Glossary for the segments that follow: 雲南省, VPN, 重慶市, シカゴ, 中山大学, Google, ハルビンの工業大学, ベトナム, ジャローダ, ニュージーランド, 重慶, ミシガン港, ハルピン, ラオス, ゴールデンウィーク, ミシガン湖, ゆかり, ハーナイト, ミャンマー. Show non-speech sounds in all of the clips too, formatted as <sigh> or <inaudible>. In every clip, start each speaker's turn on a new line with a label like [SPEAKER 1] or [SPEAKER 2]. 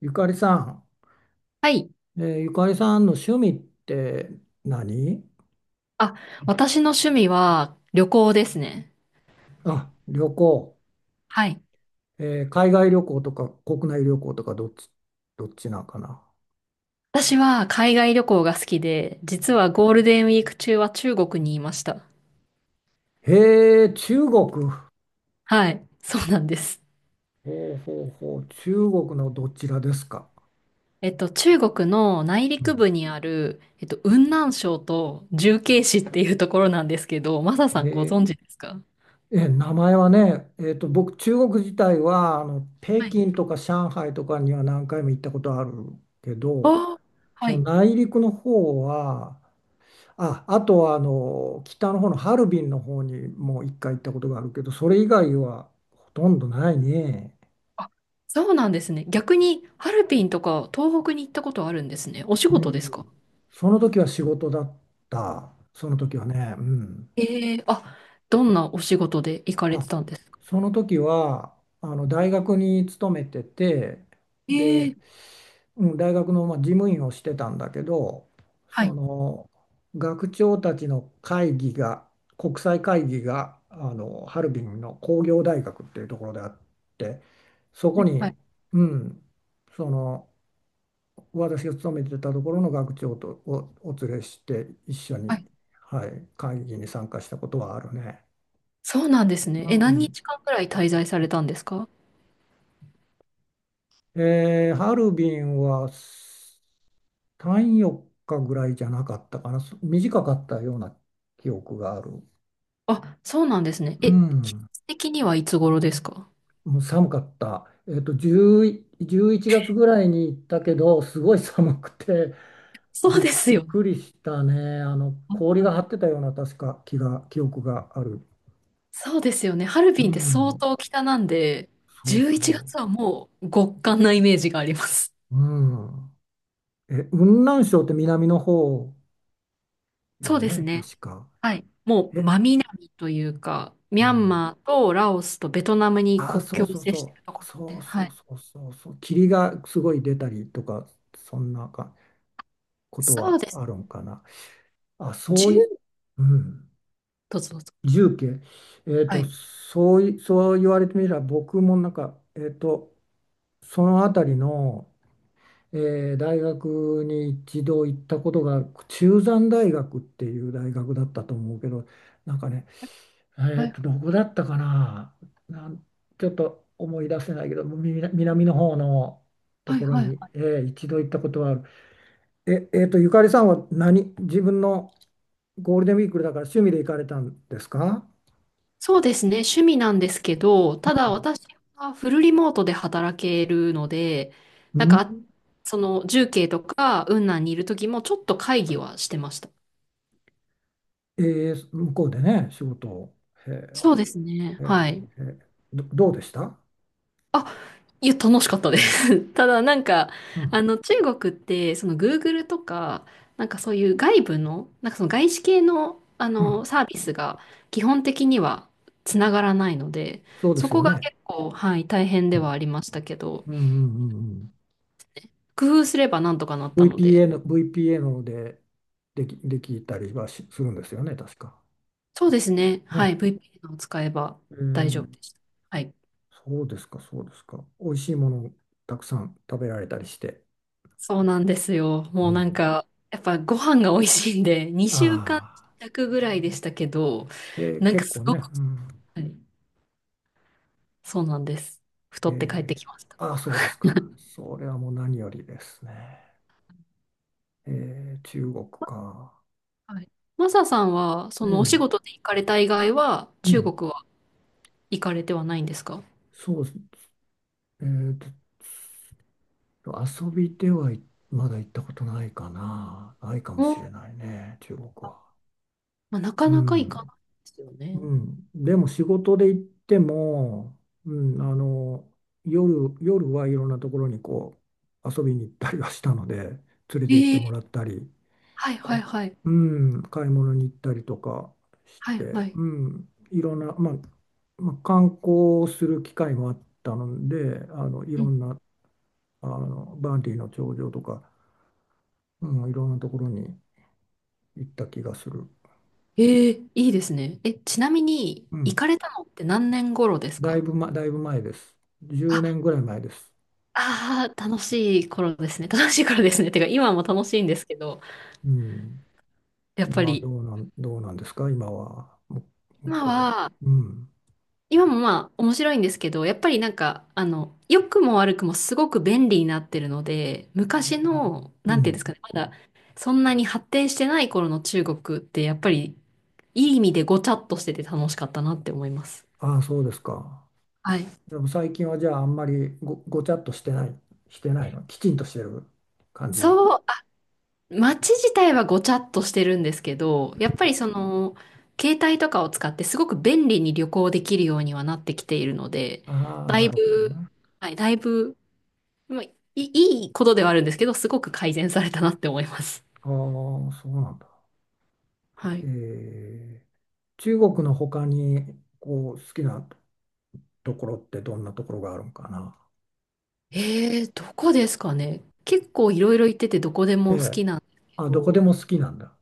[SPEAKER 1] ゆかりさん、
[SPEAKER 2] はい。
[SPEAKER 1] ゆかりさんの趣味って何？
[SPEAKER 2] あ、私の趣味は旅行ですね。
[SPEAKER 1] あ、旅行。
[SPEAKER 2] はい。
[SPEAKER 1] 海外旅行とか国内旅行とかどっちなんかな。
[SPEAKER 2] 私は海外旅行が好きで、実はゴールデンウィーク中は中国にいました。
[SPEAKER 1] へえ、中国。
[SPEAKER 2] はい。そうなんです。
[SPEAKER 1] ほうほうほう、中国のどちらですか？
[SPEAKER 2] 中国の内
[SPEAKER 1] う
[SPEAKER 2] 陸
[SPEAKER 1] ん、
[SPEAKER 2] 部にある、雲南省と重慶市っていうところなんですけど、マサさ
[SPEAKER 1] へ
[SPEAKER 2] んご
[SPEAKER 1] え、
[SPEAKER 2] 存知ですか？
[SPEAKER 1] 名前はね、僕、中国自体は北
[SPEAKER 2] はい。
[SPEAKER 1] 京とか上海とかには何回も行ったことあるけど、
[SPEAKER 2] あー、は
[SPEAKER 1] その
[SPEAKER 2] い。
[SPEAKER 1] 内陸の方は、あ、あとは北の方のハルビンの方にも一回行ったことがあるけど、それ以外はほとんどないね。
[SPEAKER 2] あ、そうなんですね。逆に、ハルピンとか東北に行ったことあるんですね。お仕
[SPEAKER 1] う
[SPEAKER 2] 事ですか？
[SPEAKER 1] ん。その時は仕事だった。その時はね。うん。
[SPEAKER 2] ええー、あ、どんなお仕事で行かれ
[SPEAKER 1] あ、
[SPEAKER 2] てたんですか？
[SPEAKER 1] その時はあの大学に勤めてて、で、
[SPEAKER 2] ええ、
[SPEAKER 1] うん、大学のまあ事務員をしてたんだけど、
[SPEAKER 2] は
[SPEAKER 1] そ
[SPEAKER 2] い、
[SPEAKER 1] の学長たちの会議が国際会議がハルビンの工業大学っていうところであって、そ
[SPEAKER 2] は
[SPEAKER 1] こ
[SPEAKER 2] い、は
[SPEAKER 1] に、
[SPEAKER 2] い、
[SPEAKER 1] うん、その私が勤めてたところの学長とお連れして一緒
[SPEAKER 2] は
[SPEAKER 1] に、
[SPEAKER 2] い。
[SPEAKER 1] はい、会議に参加したことはあるね。
[SPEAKER 2] そうなんですね。
[SPEAKER 1] う
[SPEAKER 2] え、何
[SPEAKER 1] ん、
[SPEAKER 2] 日間くらい滞在されたんですか？
[SPEAKER 1] ハルビンはさんよっかぐらいじゃなかったかな、短かったような記憶がある。
[SPEAKER 2] あ、そうなんですね。
[SPEAKER 1] う
[SPEAKER 2] え、季
[SPEAKER 1] ん、
[SPEAKER 2] 節的にはいつ頃ですか？
[SPEAKER 1] もう寒かった。10、1月ぐらいに行ったけど、すごい寒くて、
[SPEAKER 2] そう
[SPEAKER 1] び
[SPEAKER 2] で
[SPEAKER 1] っ
[SPEAKER 2] すよ
[SPEAKER 1] く
[SPEAKER 2] ね。
[SPEAKER 1] りしたね。あの、
[SPEAKER 2] 本
[SPEAKER 1] 氷
[SPEAKER 2] 当
[SPEAKER 1] が張
[SPEAKER 2] に
[SPEAKER 1] ってたような、確か記憶がある。
[SPEAKER 2] そうですよね。ハル
[SPEAKER 1] う
[SPEAKER 2] ビンって相
[SPEAKER 1] ん、
[SPEAKER 2] 当北なんで、
[SPEAKER 1] そう
[SPEAKER 2] 11
[SPEAKER 1] そ
[SPEAKER 2] 月はもう極寒なイメージがあります。
[SPEAKER 1] う。うん。雲南省って南の方よ
[SPEAKER 2] そうです
[SPEAKER 1] ね、
[SPEAKER 2] ね。
[SPEAKER 1] 確か。
[SPEAKER 2] はい。もう
[SPEAKER 1] え、
[SPEAKER 2] 真南というか、
[SPEAKER 1] う
[SPEAKER 2] ミャン
[SPEAKER 1] ん、
[SPEAKER 2] マーとラオスとベトナムに
[SPEAKER 1] ああ、
[SPEAKER 2] 国
[SPEAKER 1] そ
[SPEAKER 2] 境
[SPEAKER 1] う
[SPEAKER 2] を
[SPEAKER 1] そう
[SPEAKER 2] 接してい
[SPEAKER 1] そ
[SPEAKER 2] ると
[SPEAKER 1] う、
[SPEAKER 2] ころな
[SPEAKER 1] そ
[SPEAKER 2] んで、
[SPEAKER 1] う
[SPEAKER 2] は
[SPEAKER 1] そう
[SPEAKER 2] い。
[SPEAKER 1] そうそう、そう霧がすごい出たりとか、そんなこと
[SPEAKER 2] そう
[SPEAKER 1] は
[SPEAKER 2] です
[SPEAKER 1] あ
[SPEAKER 2] ね。
[SPEAKER 1] るんかな。あ、そうい、
[SPEAKER 2] 10、
[SPEAKER 1] うん、
[SPEAKER 2] どうぞどうぞ。
[SPEAKER 1] 重慶、
[SPEAKER 2] はい。
[SPEAKER 1] そうい、そう言われてみれば、僕もなんか、その辺りの、大学に一度行ったことがある、中山大学っていう大学だったと思うけど、なんかね、
[SPEAKER 2] はい、
[SPEAKER 1] どこだったかな、なん、ちょっと思い出せないけど、南の方のと
[SPEAKER 2] はい、
[SPEAKER 1] ころ
[SPEAKER 2] はい。
[SPEAKER 1] に、
[SPEAKER 2] はい。
[SPEAKER 1] 一度行ったことはある。ゆかりさんは何、自分のゴールデンウィークだから趣味で行かれたんですか？
[SPEAKER 2] そうですね、趣味なんですけど、ただ私はフルリモートで働けるので、
[SPEAKER 1] う
[SPEAKER 2] なんか、
[SPEAKER 1] ん。
[SPEAKER 2] その重慶とか雲南にいる時もちょっと会議はしてました。
[SPEAKER 1] え向こうでね、仕事を。へ
[SPEAKER 2] そうですね、
[SPEAKER 1] え、へ
[SPEAKER 2] はい。
[SPEAKER 1] え、へえ、どうでした？
[SPEAKER 2] あ、いや、楽しかったです。<laughs> ただなんか、
[SPEAKER 1] うん、
[SPEAKER 2] あの、中国って、その Google とか、なんかそういう外部の、なんかその外資系の、あ
[SPEAKER 1] うん、
[SPEAKER 2] の、サービスが基本的にはつながらないので、
[SPEAKER 1] そうで
[SPEAKER 2] そ
[SPEAKER 1] す
[SPEAKER 2] こ
[SPEAKER 1] よ
[SPEAKER 2] が
[SPEAKER 1] ね。
[SPEAKER 2] 結構、はい、大変
[SPEAKER 1] う
[SPEAKER 2] で
[SPEAKER 1] ん、
[SPEAKER 2] はありましたけど、
[SPEAKER 1] うん、うん、うん。
[SPEAKER 2] 工夫すればなんとかなったので。
[SPEAKER 1] VPN で、できたりはしするんですよね、確か。
[SPEAKER 2] そうですね。は
[SPEAKER 1] ね、
[SPEAKER 2] い。VPN を使えば
[SPEAKER 1] え
[SPEAKER 2] 大丈
[SPEAKER 1] ー、
[SPEAKER 2] 夫でした。はい。
[SPEAKER 1] そうですか、そうですか。美味しいものたくさん食べられたりして。
[SPEAKER 2] そうなんですよ。
[SPEAKER 1] う
[SPEAKER 2] もうなん
[SPEAKER 1] ん。
[SPEAKER 2] か、やっぱご飯が美味しいんで、<laughs>
[SPEAKER 1] あ
[SPEAKER 2] 2週間
[SPEAKER 1] あ、
[SPEAKER 2] 弱ぐらいでしたけど、なんか
[SPEAKER 1] 結
[SPEAKER 2] す
[SPEAKER 1] 構
[SPEAKER 2] ご
[SPEAKER 1] ね。
[SPEAKER 2] く、
[SPEAKER 1] うん。
[SPEAKER 2] はい、そうなんです。太って帰って
[SPEAKER 1] えー
[SPEAKER 2] きました。
[SPEAKER 1] ああ、そうですか。それはもう何よりですね。中国か。
[SPEAKER 2] はい。マサさんは、そ
[SPEAKER 1] う
[SPEAKER 2] のお仕
[SPEAKER 1] ん。
[SPEAKER 2] 事で行かれた以外は、
[SPEAKER 1] う
[SPEAKER 2] 中
[SPEAKER 1] ん。
[SPEAKER 2] 国は行かれてはないんですか？
[SPEAKER 1] そうです。えー遊びで、はい、まだ行ったことないかな。ないかも
[SPEAKER 2] お、
[SPEAKER 1] しれないね、中国は。
[SPEAKER 2] まあ、なか
[SPEAKER 1] う
[SPEAKER 2] なか行か
[SPEAKER 1] ん。
[SPEAKER 2] ないですよ
[SPEAKER 1] う
[SPEAKER 2] ね。
[SPEAKER 1] ん、でも仕事で行っても、うん、夜はいろんなところにこう遊びに行ったりはしたので、連れて行っ
[SPEAKER 2] え
[SPEAKER 1] ても
[SPEAKER 2] え、
[SPEAKER 1] らったり、
[SPEAKER 2] はいはいはい。
[SPEAKER 1] うん、買い物に行ったりとかし
[SPEAKER 2] はい
[SPEAKER 1] て、
[SPEAKER 2] はい。
[SPEAKER 1] うん、いろんな、まあ、観光する機会もあったので、い
[SPEAKER 2] う
[SPEAKER 1] ろ
[SPEAKER 2] ん、
[SPEAKER 1] んなバンディの頂上とか、うん、いろんなところに行った気がする、
[SPEAKER 2] ええ、いいですね。え、ちなみに、
[SPEAKER 1] う
[SPEAKER 2] 行
[SPEAKER 1] ん、
[SPEAKER 2] かれたのって何年頃です
[SPEAKER 1] だい
[SPEAKER 2] か？
[SPEAKER 1] ぶ、ま、だいぶ前です、10
[SPEAKER 2] あ、
[SPEAKER 1] 年ぐらい前です。
[SPEAKER 2] ああ、楽しい頃ですね。<laughs> 楽しい頃ですね。てか、今も楽しいんですけど、
[SPEAKER 1] うん、
[SPEAKER 2] やっぱ
[SPEAKER 1] 今
[SPEAKER 2] り、
[SPEAKER 1] どうなんですか、今は。向
[SPEAKER 2] 今
[SPEAKER 1] こ
[SPEAKER 2] は、
[SPEAKER 1] うは？うん。
[SPEAKER 2] 今もまあ、面白いんですけど、やっぱりなんか、あの、良くも悪くもすごく便利になってるので、昔の、
[SPEAKER 1] う
[SPEAKER 2] なんていうんで
[SPEAKER 1] ん。
[SPEAKER 2] すかね、まだ、そんなに発展してない頃の中国って、やっぱり、いい意味でごちゃっとしてて楽しかったなって思います。
[SPEAKER 1] ああ、そうですか。
[SPEAKER 2] はい。
[SPEAKER 1] でも最近はじゃああんまりごちゃっとしてない、してないの。きちんとしてる感じ。
[SPEAKER 2] そう、街自体はごちゃっとしてるんですけど、やっぱりその、携帯とかを使ってすごく便利に旅行できるようにはなってきているので、
[SPEAKER 1] ああ、
[SPEAKER 2] だ
[SPEAKER 1] な
[SPEAKER 2] い
[SPEAKER 1] るほど
[SPEAKER 2] ぶ、
[SPEAKER 1] ね。
[SPEAKER 2] はい、だいぶ、まあ、いいいことではあるんですけど、すごく改善されたなって思います。
[SPEAKER 1] ああ、そうなんだ。
[SPEAKER 2] は
[SPEAKER 1] え
[SPEAKER 2] い。
[SPEAKER 1] ー、中国の他にこう好きなところってどんなところがあるんかな。
[SPEAKER 2] どこですかね。結構いろいろ行っててどこで
[SPEAKER 1] え
[SPEAKER 2] も好
[SPEAKER 1] え。
[SPEAKER 2] きなんですけ
[SPEAKER 1] あ、どこで
[SPEAKER 2] ど、
[SPEAKER 1] も好きなんだ。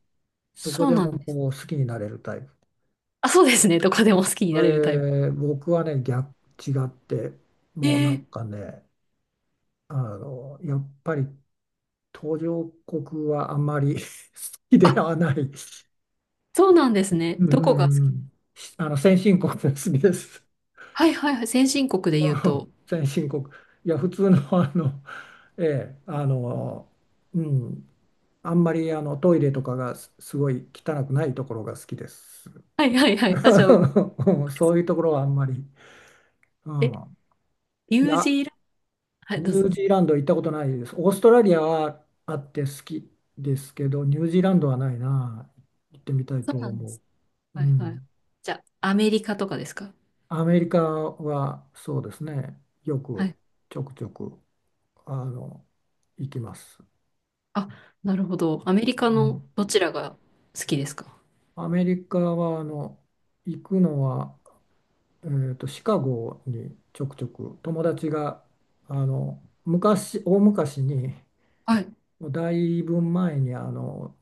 [SPEAKER 1] どこ
[SPEAKER 2] そう
[SPEAKER 1] で
[SPEAKER 2] なん
[SPEAKER 1] も
[SPEAKER 2] です。
[SPEAKER 1] こう好きになれるタイプ。
[SPEAKER 2] あ、そうですね。どこでも好きになれるタイプ。
[SPEAKER 1] 僕はね、逆、違って、
[SPEAKER 2] え
[SPEAKER 1] もうな
[SPEAKER 2] ー、
[SPEAKER 1] んかね、やっぱり途上国はあんまり <laughs> 好きで
[SPEAKER 2] あ、
[SPEAKER 1] はない。
[SPEAKER 2] そうなんですね。
[SPEAKER 1] う
[SPEAKER 2] どこが好き？
[SPEAKER 1] ん、先進国が好きです。
[SPEAKER 2] はいはいはい。先進国で言う
[SPEAKER 1] <laughs> う
[SPEAKER 2] と。
[SPEAKER 1] ん、先進国。いや、普通の、ええ、うん、あんまりトイレとかがすごい汚くないところが好きです。
[SPEAKER 2] はいはいはい。あ、じゃあ、
[SPEAKER 1] <laughs> そういうところはあんまり。う
[SPEAKER 2] え、
[SPEAKER 1] ん、
[SPEAKER 2] ニ
[SPEAKER 1] い
[SPEAKER 2] ュー
[SPEAKER 1] や、
[SPEAKER 2] ジーランド、はい、ど
[SPEAKER 1] ニ
[SPEAKER 2] う
[SPEAKER 1] ュ
[SPEAKER 2] ぞ
[SPEAKER 1] ー
[SPEAKER 2] どうぞ。
[SPEAKER 1] ジーランド行ったことないです。オーストラリアはあって好きですけど、ニュージーランドはないな。行ってみたい
[SPEAKER 2] そ
[SPEAKER 1] と
[SPEAKER 2] うなんで
[SPEAKER 1] 思
[SPEAKER 2] す。
[SPEAKER 1] う。う
[SPEAKER 2] はいはい。
[SPEAKER 1] ん。
[SPEAKER 2] じゃあ、アメリカとかですか？
[SPEAKER 1] アメリカはそうですね。よ
[SPEAKER 2] は
[SPEAKER 1] く
[SPEAKER 2] い。
[SPEAKER 1] ちょくちょくあの行きます。
[SPEAKER 2] あ、なるほど。アメリ
[SPEAKER 1] う
[SPEAKER 2] カの
[SPEAKER 1] ん。
[SPEAKER 2] どちらが好きですか？
[SPEAKER 1] アメリカは行くのは、シカゴにちょくちょく友達が大昔に、
[SPEAKER 2] はい。う
[SPEAKER 1] もうだいぶ前に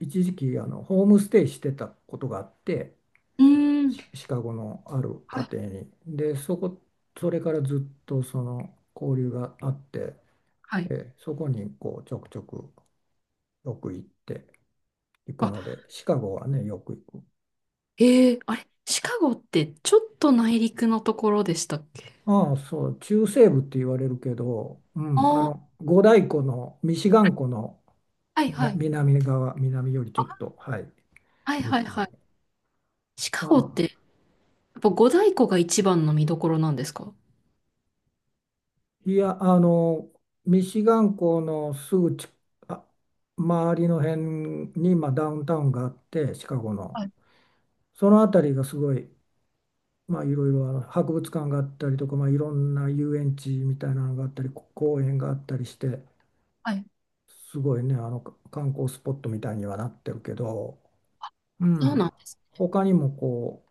[SPEAKER 1] 一時期ホームステイしてたことがあって、
[SPEAKER 2] ーん。
[SPEAKER 1] シカゴのある
[SPEAKER 2] は
[SPEAKER 1] 家
[SPEAKER 2] い。
[SPEAKER 1] 庭に、で、そこ、それからずっとその交流があって、
[SPEAKER 2] はい。
[SPEAKER 1] そこにこうちょくちょくよく行って行く
[SPEAKER 2] あ、
[SPEAKER 1] のでシカゴはねよく行く。
[SPEAKER 2] あれ、シカゴってちょっと内陸のところでしたっけ？
[SPEAKER 1] ああ、そう、中西部って言われるけど、う
[SPEAKER 2] あ
[SPEAKER 1] ん、
[SPEAKER 2] あー、
[SPEAKER 1] 五大湖のミシガン湖の
[SPEAKER 2] はいは
[SPEAKER 1] 南
[SPEAKER 2] い。
[SPEAKER 1] 南側南より、ちょっと、はい、
[SPEAKER 2] はいはい
[SPEAKER 1] 西
[SPEAKER 2] は
[SPEAKER 1] に。
[SPEAKER 2] い。シ
[SPEAKER 1] ま
[SPEAKER 2] カゴって、や
[SPEAKER 1] あ、
[SPEAKER 2] っぱ五大湖が一番の見どころなんですか？
[SPEAKER 1] いや、ミシガン港のすぐあ、周りの辺に、まあ、ダウンタウンがあって、シカゴの。
[SPEAKER 2] はい
[SPEAKER 1] その辺りがすごい、まあ、いろいろあの博物館があったりとか、まあ、いろんな遊園地みたいなのがあったり、公園があったりして、
[SPEAKER 2] はい。
[SPEAKER 1] すごいね、あのか観光スポットみたいにはなってるけど、う
[SPEAKER 2] そうな
[SPEAKER 1] ん、
[SPEAKER 2] んです。
[SPEAKER 1] 他にもこ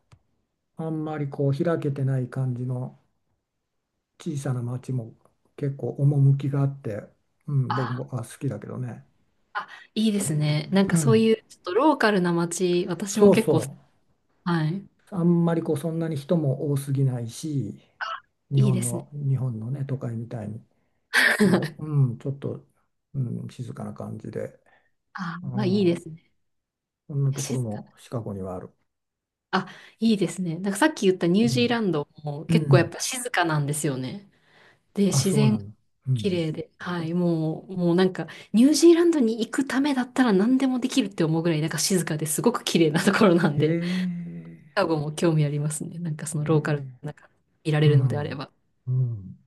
[SPEAKER 1] う、あんまりこう開けてない感じの小さな町も結構趣があって、うん、僕
[SPEAKER 2] あー
[SPEAKER 1] も好きだけどね。
[SPEAKER 2] あ、いいですね。なん
[SPEAKER 1] う
[SPEAKER 2] かそう
[SPEAKER 1] ん、
[SPEAKER 2] いうちょっとローカルな街、私も
[SPEAKER 1] そう
[SPEAKER 2] 結構好。
[SPEAKER 1] そ
[SPEAKER 2] はい。
[SPEAKER 1] う。あんまりこうそんなに人も多すぎないし、
[SPEAKER 2] いいですね。
[SPEAKER 1] 日本のね、都会みたいに、こう、
[SPEAKER 2] <laughs>
[SPEAKER 1] うん、ちょっと、うん、静かな感じで、
[SPEAKER 2] あ
[SPEAKER 1] う
[SPEAKER 2] ー、まあ、いいで
[SPEAKER 1] ん、
[SPEAKER 2] すね。
[SPEAKER 1] そんなとこ
[SPEAKER 2] 静
[SPEAKER 1] ろ
[SPEAKER 2] か。
[SPEAKER 1] もシカゴにはある。
[SPEAKER 2] あ、いいですね。なんかさっき言ったニュ
[SPEAKER 1] う
[SPEAKER 2] ージーラ
[SPEAKER 1] ん、
[SPEAKER 2] ンドも
[SPEAKER 1] う
[SPEAKER 2] 結構やっ
[SPEAKER 1] ん、
[SPEAKER 2] ぱ静かなんですよね。で、
[SPEAKER 1] あ、
[SPEAKER 2] 自
[SPEAKER 1] そう
[SPEAKER 2] 然
[SPEAKER 1] な
[SPEAKER 2] が
[SPEAKER 1] んだ。う
[SPEAKER 2] 綺
[SPEAKER 1] ん、
[SPEAKER 2] 麗で、はい、もう、もうなんかニュージーランドに行くためだったら何でもできるって思うぐらいなんか静かですごく綺麗なところなん
[SPEAKER 1] へ
[SPEAKER 2] で、<laughs> シカ
[SPEAKER 1] え、
[SPEAKER 2] ゴも興味ありますね。なんかその
[SPEAKER 1] う
[SPEAKER 2] ローカルなんかいら
[SPEAKER 1] う
[SPEAKER 2] れるのであれ
[SPEAKER 1] ん、
[SPEAKER 2] ば。
[SPEAKER 1] うん。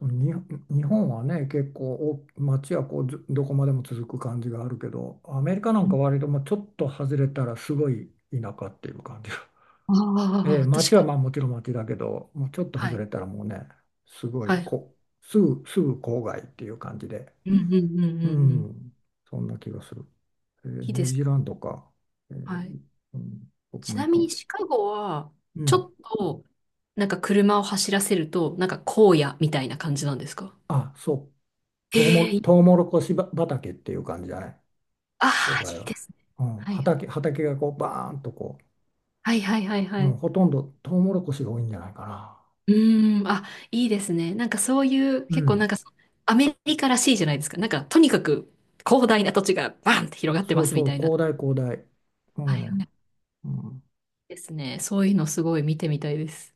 [SPEAKER 1] に日本はね、結構街はこう、ずどこまでも続く感じがあるけど、アメリカなん
[SPEAKER 2] う
[SPEAKER 1] か
[SPEAKER 2] ん、
[SPEAKER 1] 割ともうちょっと外れたらすごい田舎っていう感じが、<laughs> え
[SPEAKER 2] あ
[SPEAKER 1] え、
[SPEAKER 2] あ、確
[SPEAKER 1] 街
[SPEAKER 2] か
[SPEAKER 1] は
[SPEAKER 2] に。
[SPEAKER 1] まあもちろん街だけど、もうちょっと
[SPEAKER 2] は
[SPEAKER 1] 外れ
[SPEAKER 2] い。
[SPEAKER 1] たらもうね、すご
[SPEAKER 2] は
[SPEAKER 1] い
[SPEAKER 2] い。
[SPEAKER 1] すぐ郊外っていう感じで、
[SPEAKER 2] うんうんうん
[SPEAKER 1] う
[SPEAKER 2] うんうん。
[SPEAKER 1] ん、そんな気がする、
[SPEAKER 2] いい
[SPEAKER 1] ニ
[SPEAKER 2] で
[SPEAKER 1] ュー
[SPEAKER 2] す。
[SPEAKER 1] ジーランドか、ええ、
[SPEAKER 2] はい。
[SPEAKER 1] うん、僕
[SPEAKER 2] ち
[SPEAKER 1] もいい
[SPEAKER 2] なみ
[SPEAKER 1] かも
[SPEAKER 2] に
[SPEAKER 1] し
[SPEAKER 2] シカゴは、
[SPEAKER 1] れない、
[SPEAKER 2] ち
[SPEAKER 1] う
[SPEAKER 2] ょ
[SPEAKER 1] ん、
[SPEAKER 2] っと、なんか車を走らせると、なんか荒野みたいな感じなんですか？
[SPEAKER 1] あ、そう、
[SPEAKER 2] ええ、い、
[SPEAKER 1] トウモロコシ畑っていう感じだね、
[SPEAKER 2] あ
[SPEAKER 1] 郊
[SPEAKER 2] あー、
[SPEAKER 1] 外
[SPEAKER 2] いいで
[SPEAKER 1] は。
[SPEAKER 2] すね。
[SPEAKER 1] うん、
[SPEAKER 2] はい。
[SPEAKER 1] 畑がこうバーンと、こ
[SPEAKER 2] はいはいはい
[SPEAKER 1] う、
[SPEAKER 2] は
[SPEAKER 1] うん、
[SPEAKER 2] い。
[SPEAKER 1] ほとんどトウモロコシが多いんじゃないかな。
[SPEAKER 2] うーん、あ、いいですね。なんかそういう、
[SPEAKER 1] う
[SPEAKER 2] 結構なん
[SPEAKER 1] ん、
[SPEAKER 2] かそ、アメリカらしいじゃないですか。なんか、とにかく広大な土地がバンって広がって
[SPEAKER 1] そ
[SPEAKER 2] ま
[SPEAKER 1] う
[SPEAKER 2] すみ
[SPEAKER 1] そう、
[SPEAKER 2] たいな。
[SPEAKER 1] 広大、広大。う
[SPEAKER 2] はい
[SPEAKER 1] ん、
[SPEAKER 2] はい。
[SPEAKER 1] うん、
[SPEAKER 2] ですね。そういうのすごい見てみたいです。